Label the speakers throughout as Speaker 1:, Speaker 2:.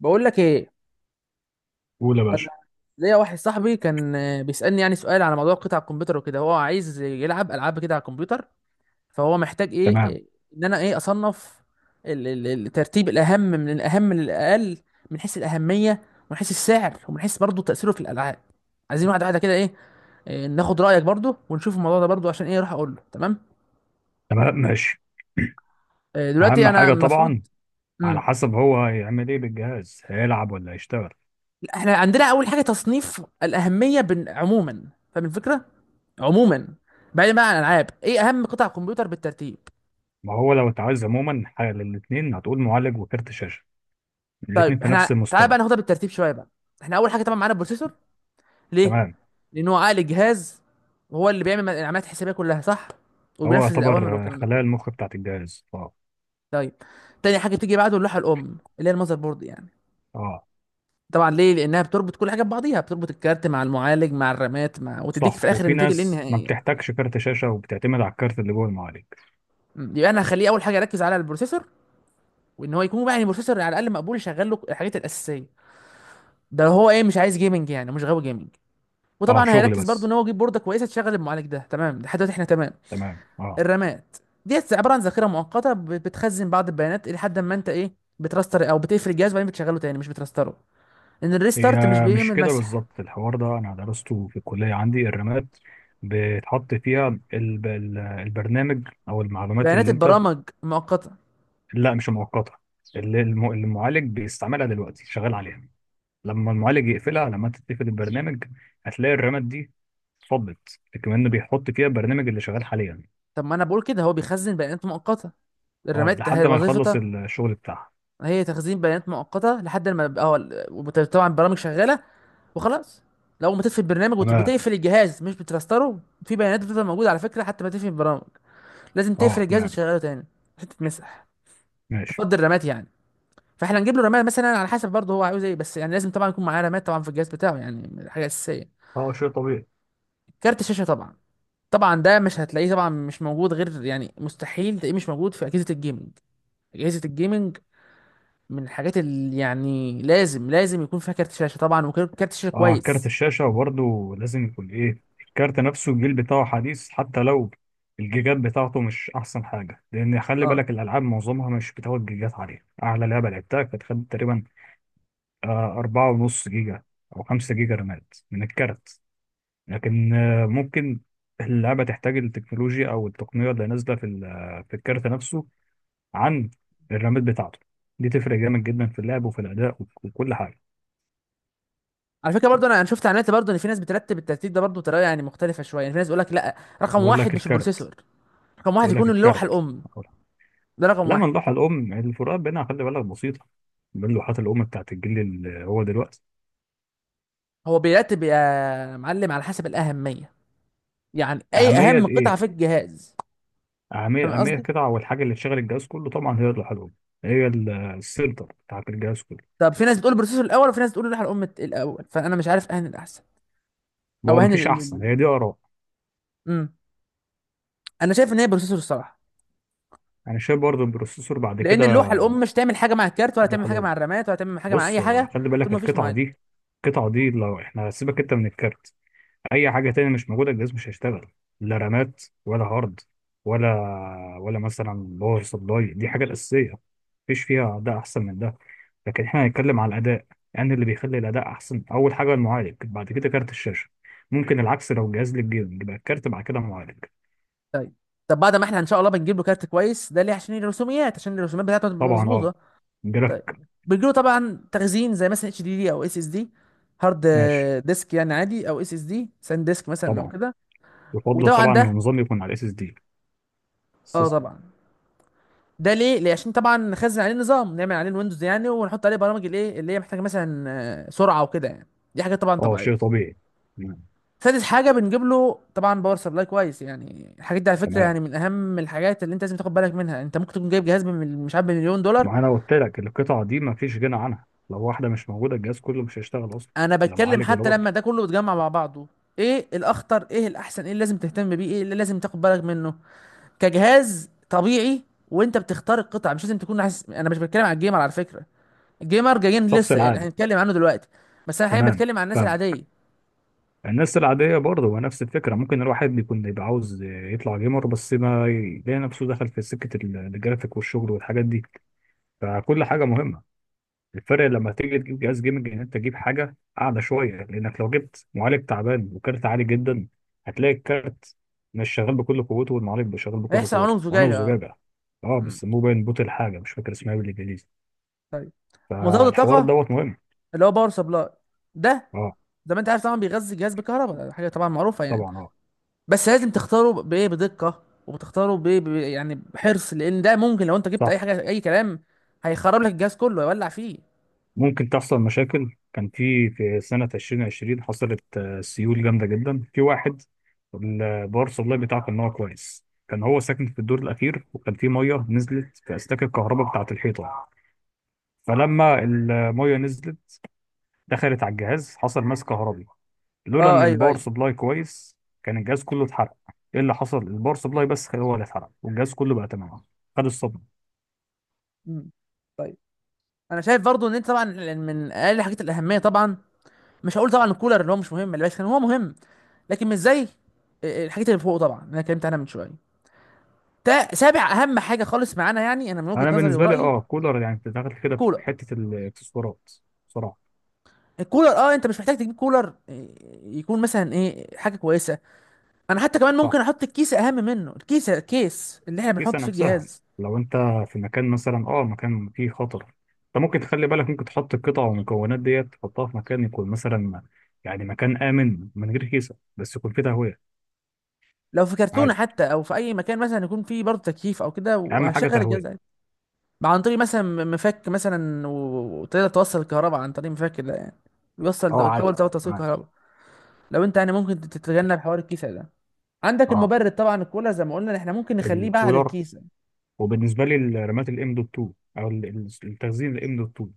Speaker 1: بقول لك ايه.
Speaker 2: قول يا
Speaker 1: انا
Speaker 2: باشا.
Speaker 1: ليا واحد صاحبي كان بيسالني يعني سؤال على موضوع قطع الكمبيوتر وكده. هو عايز يلعب العاب كده على الكمبيوتر، فهو محتاج ايه
Speaker 2: تمام.
Speaker 1: إيه، ان انا ايه اصنف الترتيب الاهم من الاهم للاقل، من حيث الاهميه ومن حيث السعر ومن حيث برضه تاثيره في الالعاب. عايزين واحده واحده كده ايه إيه، ناخد رايك برضه ونشوف الموضوع ده برضه عشان ايه اروح اقول له تمام.
Speaker 2: تمام ماشي.
Speaker 1: دلوقتي
Speaker 2: اهم
Speaker 1: انا
Speaker 2: حاجه طبعا.
Speaker 1: المفروض
Speaker 2: على
Speaker 1: امم
Speaker 2: حسب هو هيعمل ايه بالجهاز، هيلعب ولا هيشتغل؟
Speaker 1: احنا عندنا اول حاجه تصنيف الاهميه عموما، فاهم الفكره. عموما، بعيدا بقى عن الالعاب، ايه اهم قطع كمبيوتر بالترتيب؟
Speaker 2: ما هو لو اتعوز عموما حاجه للاثنين هتقول معالج وكارت شاشه،
Speaker 1: طيب
Speaker 2: الاثنين في نفس
Speaker 1: احنا تعالى بقى
Speaker 2: المستوى.
Speaker 1: ناخدها بالترتيب شويه بقى. احنا اول حاجه طبعا معانا البروسيسور. ليه؟
Speaker 2: تمام.
Speaker 1: لان هو عقل الجهاز، هو اللي بيعمل العمليات الحسابيه كلها صح،
Speaker 2: هو
Speaker 1: وبينفذ الاوامر
Speaker 2: يعتبر
Speaker 1: والكلام ده
Speaker 2: خلايا
Speaker 1: كله.
Speaker 2: المخ بتاعت الجهاز، اه.
Speaker 1: طيب، تاني حاجه بتيجي بعده اللوحه الام اللي هي المذر بورد يعني.
Speaker 2: اه
Speaker 1: طبعا ليه؟ لانها بتربط كل حاجه ببعضيها، بتربط الكارت مع المعالج مع الرامات مع، وتديك
Speaker 2: صح،
Speaker 1: في الاخر
Speaker 2: وفي
Speaker 1: النتيجه
Speaker 2: ناس ما
Speaker 1: النهائيه.
Speaker 2: بتحتاجش كارت شاشه وبتعتمد على الكارت اللي جوه المعالج.
Speaker 1: يبقى انا هخليه اول حاجه اركز على البروسيسور، وان هو يكون بقى يعني بروسيسور على الاقل مقبول يشغل له الحاجات الاساسيه. ده هو ايه مش عايز جيمنج يعني مش غاوي جيمنج.
Speaker 2: اه
Speaker 1: وطبعا
Speaker 2: شغل
Speaker 1: هيركز برضو
Speaker 2: بس.
Speaker 1: ان هو يجيب بورده كويسه تشغل المعالج ده. تمام لحد دلوقتي احنا تمام.
Speaker 2: تمام اه.
Speaker 1: الرامات ديت عباره عن ذاكره مؤقته بتخزن بعض البيانات لحد ما انت ايه بتراستر او بتقفل الجهاز وبعدين بتشغله تاني مش بتراستره، لان
Speaker 2: هي
Speaker 1: الريستارت مش
Speaker 2: مش
Speaker 1: بيعمل
Speaker 2: كده
Speaker 1: مسح
Speaker 2: بالظبط، الحوار ده انا درسته في الكليه، عندي الرماد بتحط فيها البرنامج او المعلومات
Speaker 1: بيانات
Speaker 2: اللي انت.
Speaker 1: البرامج مؤقته.
Speaker 2: لا مش مؤقته، اللي المعالج بيستعملها دلوقتي شغال عليها، لما المعالج يقفلها لما انت تقفل البرنامج هتلاقي الرماد دي اتفضت، كمان بيحط فيها البرنامج اللي شغال حاليا.
Speaker 1: طب ما انا بقول كده، هو بيخزن بيانات مؤقته.
Speaker 2: اه
Speaker 1: الرامات هي
Speaker 2: لحد ما يخلص
Speaker 1: وظيفتها،
Speaker 2: الشغل بتاعها.
Speaker 1: هي تخزين بيانات مؤقته لحد ما اه، وطبعا البرامج شغاله وخلاص. لو ما تقفل البرنامج
Speaker 2: تمام
Speaker 1: وتقفل الجهاز مش بتفلستره، في بيانات بتفضل موجوده على فكره حتى ما تقفل البرامج، لازم تقفل
Speaker 2: اه.
Speaker 1: الجهاز
Speaker 2: تمام
Speaker 1: وتشغله تاني عشان تتمسح،
Speaker 2: ماشي.
Speaker 1: تفضي الرامات يعني. فاحنا نجيب له رامات مثلا على حسب برضه هو عاوز ايه، بس يعني لازم طبعا يكون معاه رامات طبعا في الجهاز بتاعه، يعني حاجه اساسيه.
Speaker 2: اه شيء طبيعي.
Speaker 1: كارت الشاشه طبعا، طبعا ده مش هتلاقيه طبعا مش موجود، غير يعني مستحيل تلاقيه مش موجود في اجهزه الجيمنج. اجهزه الجيمنج من الحاجات اللي يعني لازم يكون فيها كارت شاشه طبعا، وكارت شاشه
Speaker 2: اه كارت
Speaker 1: كويس.
Speaker 2: الشاشة برضه لازم يكون ايه، الكارت نفسه الجيل بتاعه حديث حتى لو الجيجات بتاعته مش احسن حاجة، لان خلي
Speaker 1: اه،
Speaker 2: بالك الالعاب معظمها مش بتاخد جيجات عليها، اعلى لعبة لعبتها كانت خدت تقريبا 4.5 جيجا او 5 جيجا رامات من الكارت. لكن ممكن اللعبة تحتاج التكنولوجيا او التقنية اللي نازلة في الكارت نفسه عن الرامات بتاعته، دي تفرق جامد جدا في اللعب وفي الاداء وكل حاجة.
Speaker 1: على فكره برضه انا شفت اعلانات برضه ان في ناس بترتب الترتيب ده برضه بطريقه يعني مختلفه شويه. يعني في ناس بيقول لك لا، رقم
Speaker 2: يقول
Speaker 1: واحد
Speaker 2: لك
Speaker 1: مش
Speaker 2: الكارت.
Speaker 1: البروسيسور، رقم واحد
Speaker 2: يقول لك
Speaker 1: يكون اللوحه
Speaker 2: الكارت.
Speaker 1: الام، ده رقم
Speaker 2: لا، من
Speaker 1: واحد.
Speaker 2: لوحة الأم الفروقات بينها خلي بالك بسيطة، بين لوحات الأم بتاعت الجيل اللي هو دلوقتي.
Speaker 1: هو بيرتب يا معلم على حسب الاهميه، يعني اي
Speaker 2: أهمية
Speaker 1: اهم قطعه
Speaker 2: إيه؟
Speaker 1: في الجهاز، فاهم
Speaker 2: أهمية، أهمية
Speaker 1: قصدي؟
Speaker 2: القطعة والحاجة اللي تشغل الجهاز كله طبعا هي اللوحة الأم. هي السنتر بتاعت الجهاز كله.
Speaker 1: طب في ناس بتقول البروسيسور الاول، وفي ناس بتقول اللوحه الام الاول، فانا مش عارف اهن الاحسن او
Speaker 2: هو
Speaker 1: اهن
Speaker 2: مفيش أحسن، هي دي آراء.
Speaker 1: امم، انا شايف ان هي بروسيسور الصراحه.
Speaker 2: أنا شايف برضه البروسيسور بعد
Speaker 1: لان
Speaker 2: كده.
Speaker 1: اللوحه الام مش تعمل حاجه مع الكارت، ولا تعمل
Speaker 2: اللوحة
Speaker 1: حاجه
Speaker 2: الأم،
Speaker 1: مع الرامات، ولا تعمل حاجه مع
Speaker 2: بص
Speaker 1: اي
Speaker 2: هو
Speaker 1: حاجه
Speaker 2: خلي
Speaker 1: طول
Speaker 2: بالك
Speaker 1: ما فيش
Speaker 2: القطعة
Speaker 1: معالج.
Speaker 2: دي، القطعة دي لو إحنا سيبك أنت من الكارت اي حاجه تانية مش موجوده الجهاز مش هيشتغل، لا رامات ولا هارد، ولا ولا مثلا باور سبلاي، دي حاجه الاساسيه. مفيش فيها اداء احسن من ده، لكن احنا هنتكلم على الاداء يعني اللي بيخلي الاداء احسن اول حاجه المعالج بعد كده كارت الشاشه، ممكن العكس لو جهاز للجيمنج يبقى الكارت بعد كده معالج.
Speaker 1: طيب. طب بعد ما احنا ان شاء الله بنجيب له كارت كويس، ده ليه؟ عشان الرسوميات، عشان الرسوميات بتاعته تبقى
Speaker 2: طبعا اه.
Speaker 1: مظبوطه. طيب،
Speaker 2: جرافيك.
Speaker 1: بيجي له طبعا تخزين، زي مثلا اتش دي دي او اس اس دي، هارد
Speaker 2: ماشي.
Speaker 1: ديسك يعني عادي، او اس اس دي ساند ديسك مثلا او
Speaker 2: طبعا
Speaker 1: كده.
Speaker 2: يفضل
Speaker 1: وطبعا
Speaker 2: طبعا إن
Speaker 1: ده
Speaker 2: النظام يكون على الاس اس دي.
Speaker 1: اه
Speaker 2: سيستم.
Speaker 1: طبعا ده ليه؟ ليه عشان طبعا نخزن عليه نظام، نعمل عليه الويندوز يعني، ونحط عليه برامج الايه اللي هي محتاجه مثلا سرعه وكده يعني. دي حاجه طبعا
Speaker 2: اه
Speaker 1: طبيعيه.
Speaker 2: شيء طبيعي.
Speaker 1: سادس حاجه بنجيب له طبعا باور سبلاي كويس. يعني الحاجات دي على فكره
Speaker 2: تمام،
Speaker 1: يعني من اهم الحاجات اللي انت لازم تاخد بالك منها. انت ممكن تكون جايب جهاز مش عارف بمليون دولار،
Speaker 2: ما انا قلت لك القطعه دي ما فيش غنى عنها، لو واحده مش موجوده الجهاز كله مش هيشتغل اصلا،
Speaker 1: انا
Speaker 2: لا
Speaker 1: بتكلم
Speaker 2: معالج ولا
Speaker 1: حتى
Speaker 2: برضه.
Speaker 1: لما ده كله بيتجمع مع بعضه، ايه الاخطر، ايه الاحسن، ايه اللي لازم تهتم بيه، ايه اللي لازم تاخد بالك منه كجهاز طبيعي وانت بتختار القطع، مش لازم تكون حاسس. انا مش بتكلم عن الجيمر على فكره، الجيمر جايين
Speaker 2: الشخص
Speaker 1: لسه يعني
Speaker 2: العام.
Speaker 1: هنتكلم عنه دلوقتي، بس انا حاليا
Speaker 2: تمام.
Speaker 1: بتكلم عن الناس
Speaker 2: فاهم.
Speaker 1: العاديه.
Speaker 2: الناس العاديه برضه هو نفس الفكره، ممكن الواحد بيكون يبقى عاوز يطلع جيمر بس ما يلاقي نفسه دخل في سكه الجرافيك والشغل والحاجات دي، فكل حاجه مهمه. الفرق لما تيجي تجيب جهاز جيمنج ان انت تجيب حاجه اعلى شويه، لانك لو جبت معالج تعبان وكارت عالي جدا هتلاقي الكارت مش شغال بكل قوته والمعالج مش شغال بكل
Speaker 1: هيحصل
Speaker 2: قوته،
Speaker 1: عنهم
Speaker 2: وانا
Speaker 1: زجاجه اه.
Speaker 2: وزجاجه. اه
Speaker 1: أمم،
Speaker 2: بس مو باين بوت، الحاجه مش فاكر اسمها إيه بالانجليزي،
Speaker 1: طيب. مزود
Speaker 2: فالحوار
Speaker 1: الطاقه
Speaker 2: دوت مهم.
Speaker 1: اللي هو باور سبلاي ده،
Speaker 2: اه
Speaker 1: زي ما انت عارف طبعا بيغذي الجهاز بالكهرباء، حاجه طبعا معروفه يعني.
Speaker 2: طبعا. اه
Speaker 1: بس لازم تختاره بايه بدقه، وبتختاره يعني بحرص، لان ده ممكن لو انت جبت
Speaker 2: صح.
Speaker 1: اي حاجه اي كلام، هيخرب لك الجهاز كله هيولع فيه.
Speaker 2: ممكن تحصل مشاكل، كان في سنه 2020 حصلت سيول جامده جدا في واحد، الباور سبلاي بتاعه كان هو كويس، كان هو ساكن في الدور الاخير وكان في ميه نزلت في اسلاك الكهرباء بتاعه الحيطه، فلما المية نزلت دخلت على الجهاز حصل ماس كهربي، لولا
Speaker 1: اه
Speaker 2: ان
Speaker 1: ايوه
Speaker 2: الباور
Speaker 1: ايوه.
Speaker 2: سبلاي كويس كان الجهاز كله اتحرق. ايه اللي حصل؟ الباور سبلاي بس هو اللي اتحرق والجهاز كله بقى تمام، خد الصدمه.
Speaker 1: مم. طيب. انا شايف برضو ان انت طبعا يعني من اقل الحاجات الاهميه طبعا، مش هقول طبعا الكولر اللي هو مش مهم، اللي بس هو مهم، لكن مش زي الحاجات اللي فوق طبعا اللي انا اتكلمت عنها من شويه. سابع اهم حاجه خالص معانا يعني، انا من وجهه
Speaker 2: انا
Speaker 1: نظري
Speaker 2: بالنسبه لي
Speaker 1: ورايي،
Speaker 2: اه كولر، يعني بتتدخل كده في
Speaker 1: الكولر.
Speaker 2: حته الاكسسوارات بصراحه.
Speaker 1: الكولر اه انت مش محتاج تجيب كولر يكون مثلا ايه حاجه كويسه. انا حتى كمان
Speaker 2: صح.
Speaker 1: ممكن احط الكيس اهم منه، الكيس، الكيس اللي احنا
Speaker 2: كيسه
Speaker 1: بنحط فيه
Speaker 2: نفسها،
Speaker 1: الجهاز.
Speaker 2: لو انت في مكان مثلا اه مكان فيه خطر، انت ممكن تخلي بالك ممكن تحط القطع والمكونات ديت تحطها في مكان يكون مثلا يعني مكان امن من غير كيسه بس يكون فيه تهويه.
Speaker 1: لو في كرتونه
Speaker 2: عادي.
Speaker 1: حتى، او في اي مكان مثلا يكون فيه برضه تكييف او كده،
Speaker 2: اهم حاجه
Speaker 1: وهشغل الجهاز عادي،
Speaker 2: تهويه.
Speaker 1: عن طريق مثلا مفك مثلا، وتقدر توصل الكهرباء عن طريق مفك ده يعني، بيوصل
Speaker 2: اه
Speaker 1: كابل
Speaker 2: عادي.
Speaker 1: ده توصيل
Speaker 2: تمام
Speaker 1: الكهرباء. لو انت يعني ممكن تتجنب حوار الكيس ده. عندك
Speaker 2: اه.
Speaker 1: المبرد طبعا، الكولر زي ما قلنا احنا ممكن نخليه بعد
Speaker 2: الكولر
Speaker 1: الكيس.
Speaker 2: وبالنسبه لي الرامات الام دوت 2، او التخزين الام دوت 2،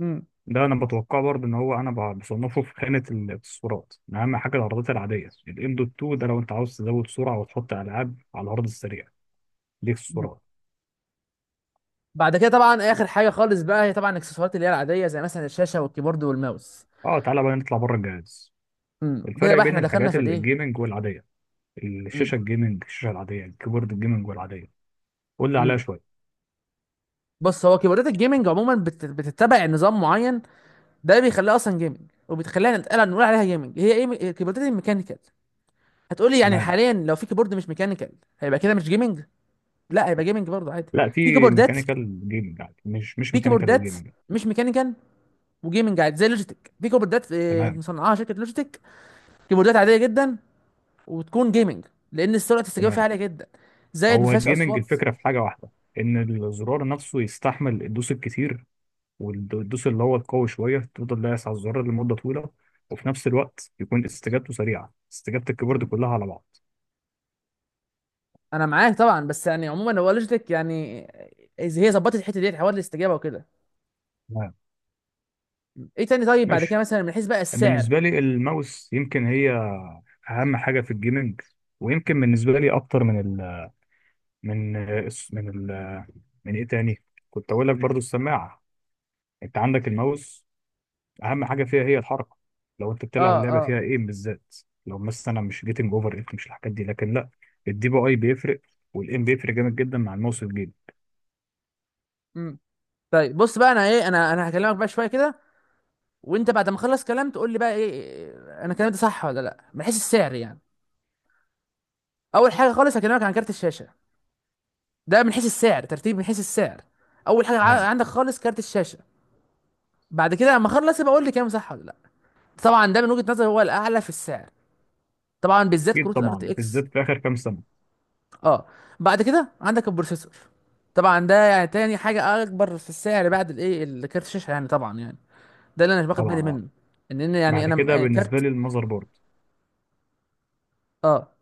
Speaker 1: امم
Speaker 2: ده انا بتوقع برضه ان هو انا بصنفه في خانه الاكسسوارات، من اهم حاجه العرضات العاديه، الام دوت 2 ده لو انت عاوز تزود سرعه وتحط العاب على العرض السريع، دي
Speaker 1: أمم.
Speaker 2: اكسسوارات.
Speaker 1: بعد كده طبعا اخر حاجه خالص بقى هي طبعا الاكسسوارات اللي هي العاديه، زي مثلا الشاشه والكيبورد والماوس.
Speaker 2: اه تعالى بقى نطلع بره الجهاز،
Speaker 1: امم، كده
Speaker 2: الفرق
Speaker 1: بقى
Speaker 2: بين
Speaker 1: احنا دخلنا
Speaker 2: الحاجات
Speaker 1: في الايه.
Speaker 2: الجيمنج والعاديه، الشاشه الجيمنج الشاشه العاديه الكيبورد الجيمنج والعاديه، قول لي عليها
Speaker 1: امم،
Speaker 2: شويه.
Speaker 1: بص هو كيبوردات الجيمنج عموما بتتبع نظام معين، ده بيخليها اصلا جيمنج وبتخلينا نتقال نقول عليها جيمنج. هي ايه كيبوردات الميكانيكال. هتقولي يعني
Speaker 2: تمام،
Speaker 1: حاليا لو في كيبورد مش ميكانيكال هيبقى كده مش جيمنج؟ لا، هيبقى جيمنج برضه عادي.
Speaker 2: لا
Speaker 1: في
Speaker 2: في
Speaker 1: كيبوردات
Speaker 2: ميكانيكال جيمنج عادي مش
Speaker 1: في
Speaker 2: ميكانيكال
Speaker 1: كيبوردات
Speaker 2: وجيمنج.
Speaker 1: مش ميكانيكال وجيمنج عادي، زي لوجيتك. في كيبوردات
Speaker 2: تمام.
Speaker 1: مصنعاها شركه لوجيتك، كيبوردات عاديه جدا، وتكون جيمنج، لان سرعه الاستجابه فيها
Speaker 2: تمام.
Speaker 1: عاليه جدا، زائد ما
Speaker 2: هو
Speaker 1: فيهاش
Speaker 2: الجيمنج
Speaker 1: اصوات.
Speaker 2: الفكرة في حاجة واحدة، إن الزرار نفسه يستحمل الدوس الكتير، والدوس اللي هو القوي شوية تفضل دايس على الزرار لمدة طويلة، وفي نفس الوقت يكون استجابته سريعة، استجابة الكيبورد
Speaker 1: مم.
Speaker 2: كلها على بعض.
Speaker 1: انا معاك طبعا، بس يعني عموما هو لوجيتك يعني إذا هي ظبطت الحته ديت حوار الاستجابه وكده.
Speaker 2: تمام
Speaker 1: ايه تاني؟ طيب بعد كده
Speaker 2: ماشي.
Speaker 1: مثلا من حيث بقى السعر.
Speaker 2: بالنسبة لي الماوس يمكن هي أهم حاجة في الجيمنج، ويمكن بالنسبة لي أكتر من من ال من إيه تاني، كنت أقول لك برضو السماعة. أنت عندك الماوس، اهم حاجه فيها هي الحركه، لو انت بتلعب
Speaker 1: اه
Speaker 2: اللعبه
Speaker 1: اه.
Speaker 2: فيها ايه بالذات، لو مثلا مش جيتنج اوفر ايت مش الحاجات دي لكن لا، الدي بي اي بيفرق والايم بيفرق جامد جدا مع الماوس والجيم.
Speaker 1: امم، طيب بص بقى. انا ايه انا انا هكلمك بقى شويه كده، وانت بعد ما اخلص كلام تقول لي بقى ايه إيه، انا كلامي ده صح ولا لا، من حيث السعر يعني. اول حاجه خالص هكلمك عن كارت الشاشه، ده من حيث السعر، ترتيب من حيث السعر. اول حاجه
Speaker 2: تمام.
Speaker 1: عندك خالص كارت الشاشه. بعد كده لما اخلص يبقى قول لي كام صح ولا لا. طبعا ده من وجهه نظري هو الاعلى في السعر، طبعا بالذات
Speaker 2: اكيد
Speaker 1: كروت الار تي
Speaker 2: طبعا بالذات
Speaker 1: اكس.
Speaker 2: في اخر كام سنه.
Speaker 1: اه. بعد كده عندك البروسيسور، طبعا ده يعني تاني حاجه اكبر في السعر بعد الايه الكارت الشاشه يعني طبعا يعني، ده اللي انا باخد بالي
Speaker 2: طبعا اه.
Speaker 1: منه، ان ان يعني
Speaker 2: بعد
Speaker 1: انا م-
Speaker 2: كده
Speaker 1: آه،
Speaker 2: بالنسبه
Speaker 1: كارت.
Speaker 2: لي المذر بورد.
Speaker 1: اه.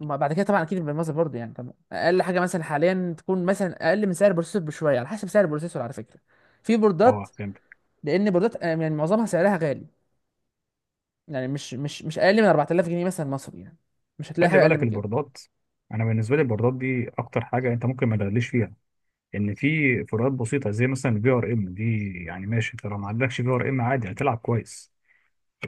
Speaker 1: ما بعد كده طبعا اكيد بالمصدر برضه يعني، طبعا اقل حاجه مثلا حاليا تكون مثلا اقل من سعر البروسيسور بشويه على حسب سعر البروسيسور على فكره. في
Speaker 2: اه
Speaker 1: بوردات،
Speaker 2: فهمت.
Speaker 1: لان بوردات يعني معظمها سعرها غالي، يعني مش اقل من 4000 جنيه مثلا مصري يعني، مش هتلاقي
Speaker 2: خلي
Speaker 1: حاجه اقل
Speaker 2: بالك
Speaker 1: من كده.
Speaker 2: البوردات، انا بالنسبه لي البوردات دي اكتر حاجه انت ممكن ما تغليش فيها، ان في فروقات بسيطه زي مثلا الفي ار ام دي يعني ماشي، انت لو ما عندكش في ار ام عادي هتلعب كويس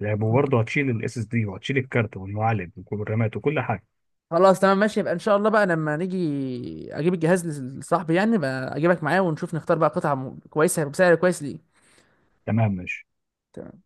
Speaker 2: لعب،
Speaker 1: مم.
Speaker 2: وبرضه هتشيل الاس اس دي وهتشيل الكارت والمعالج والرامات وكل حاجه.
Speaker 1: خلاص تمام ماشي، يبقى ان شاء الله بقى لما نيجي اجيب الجهاز لصاحبي يعني بقى، اجيبك معايا ونشوف نختار بقى قطعه كويسه بسعر كويس ليه.
Speaker 2: تمام ماشي.
Speaker 1: تمام.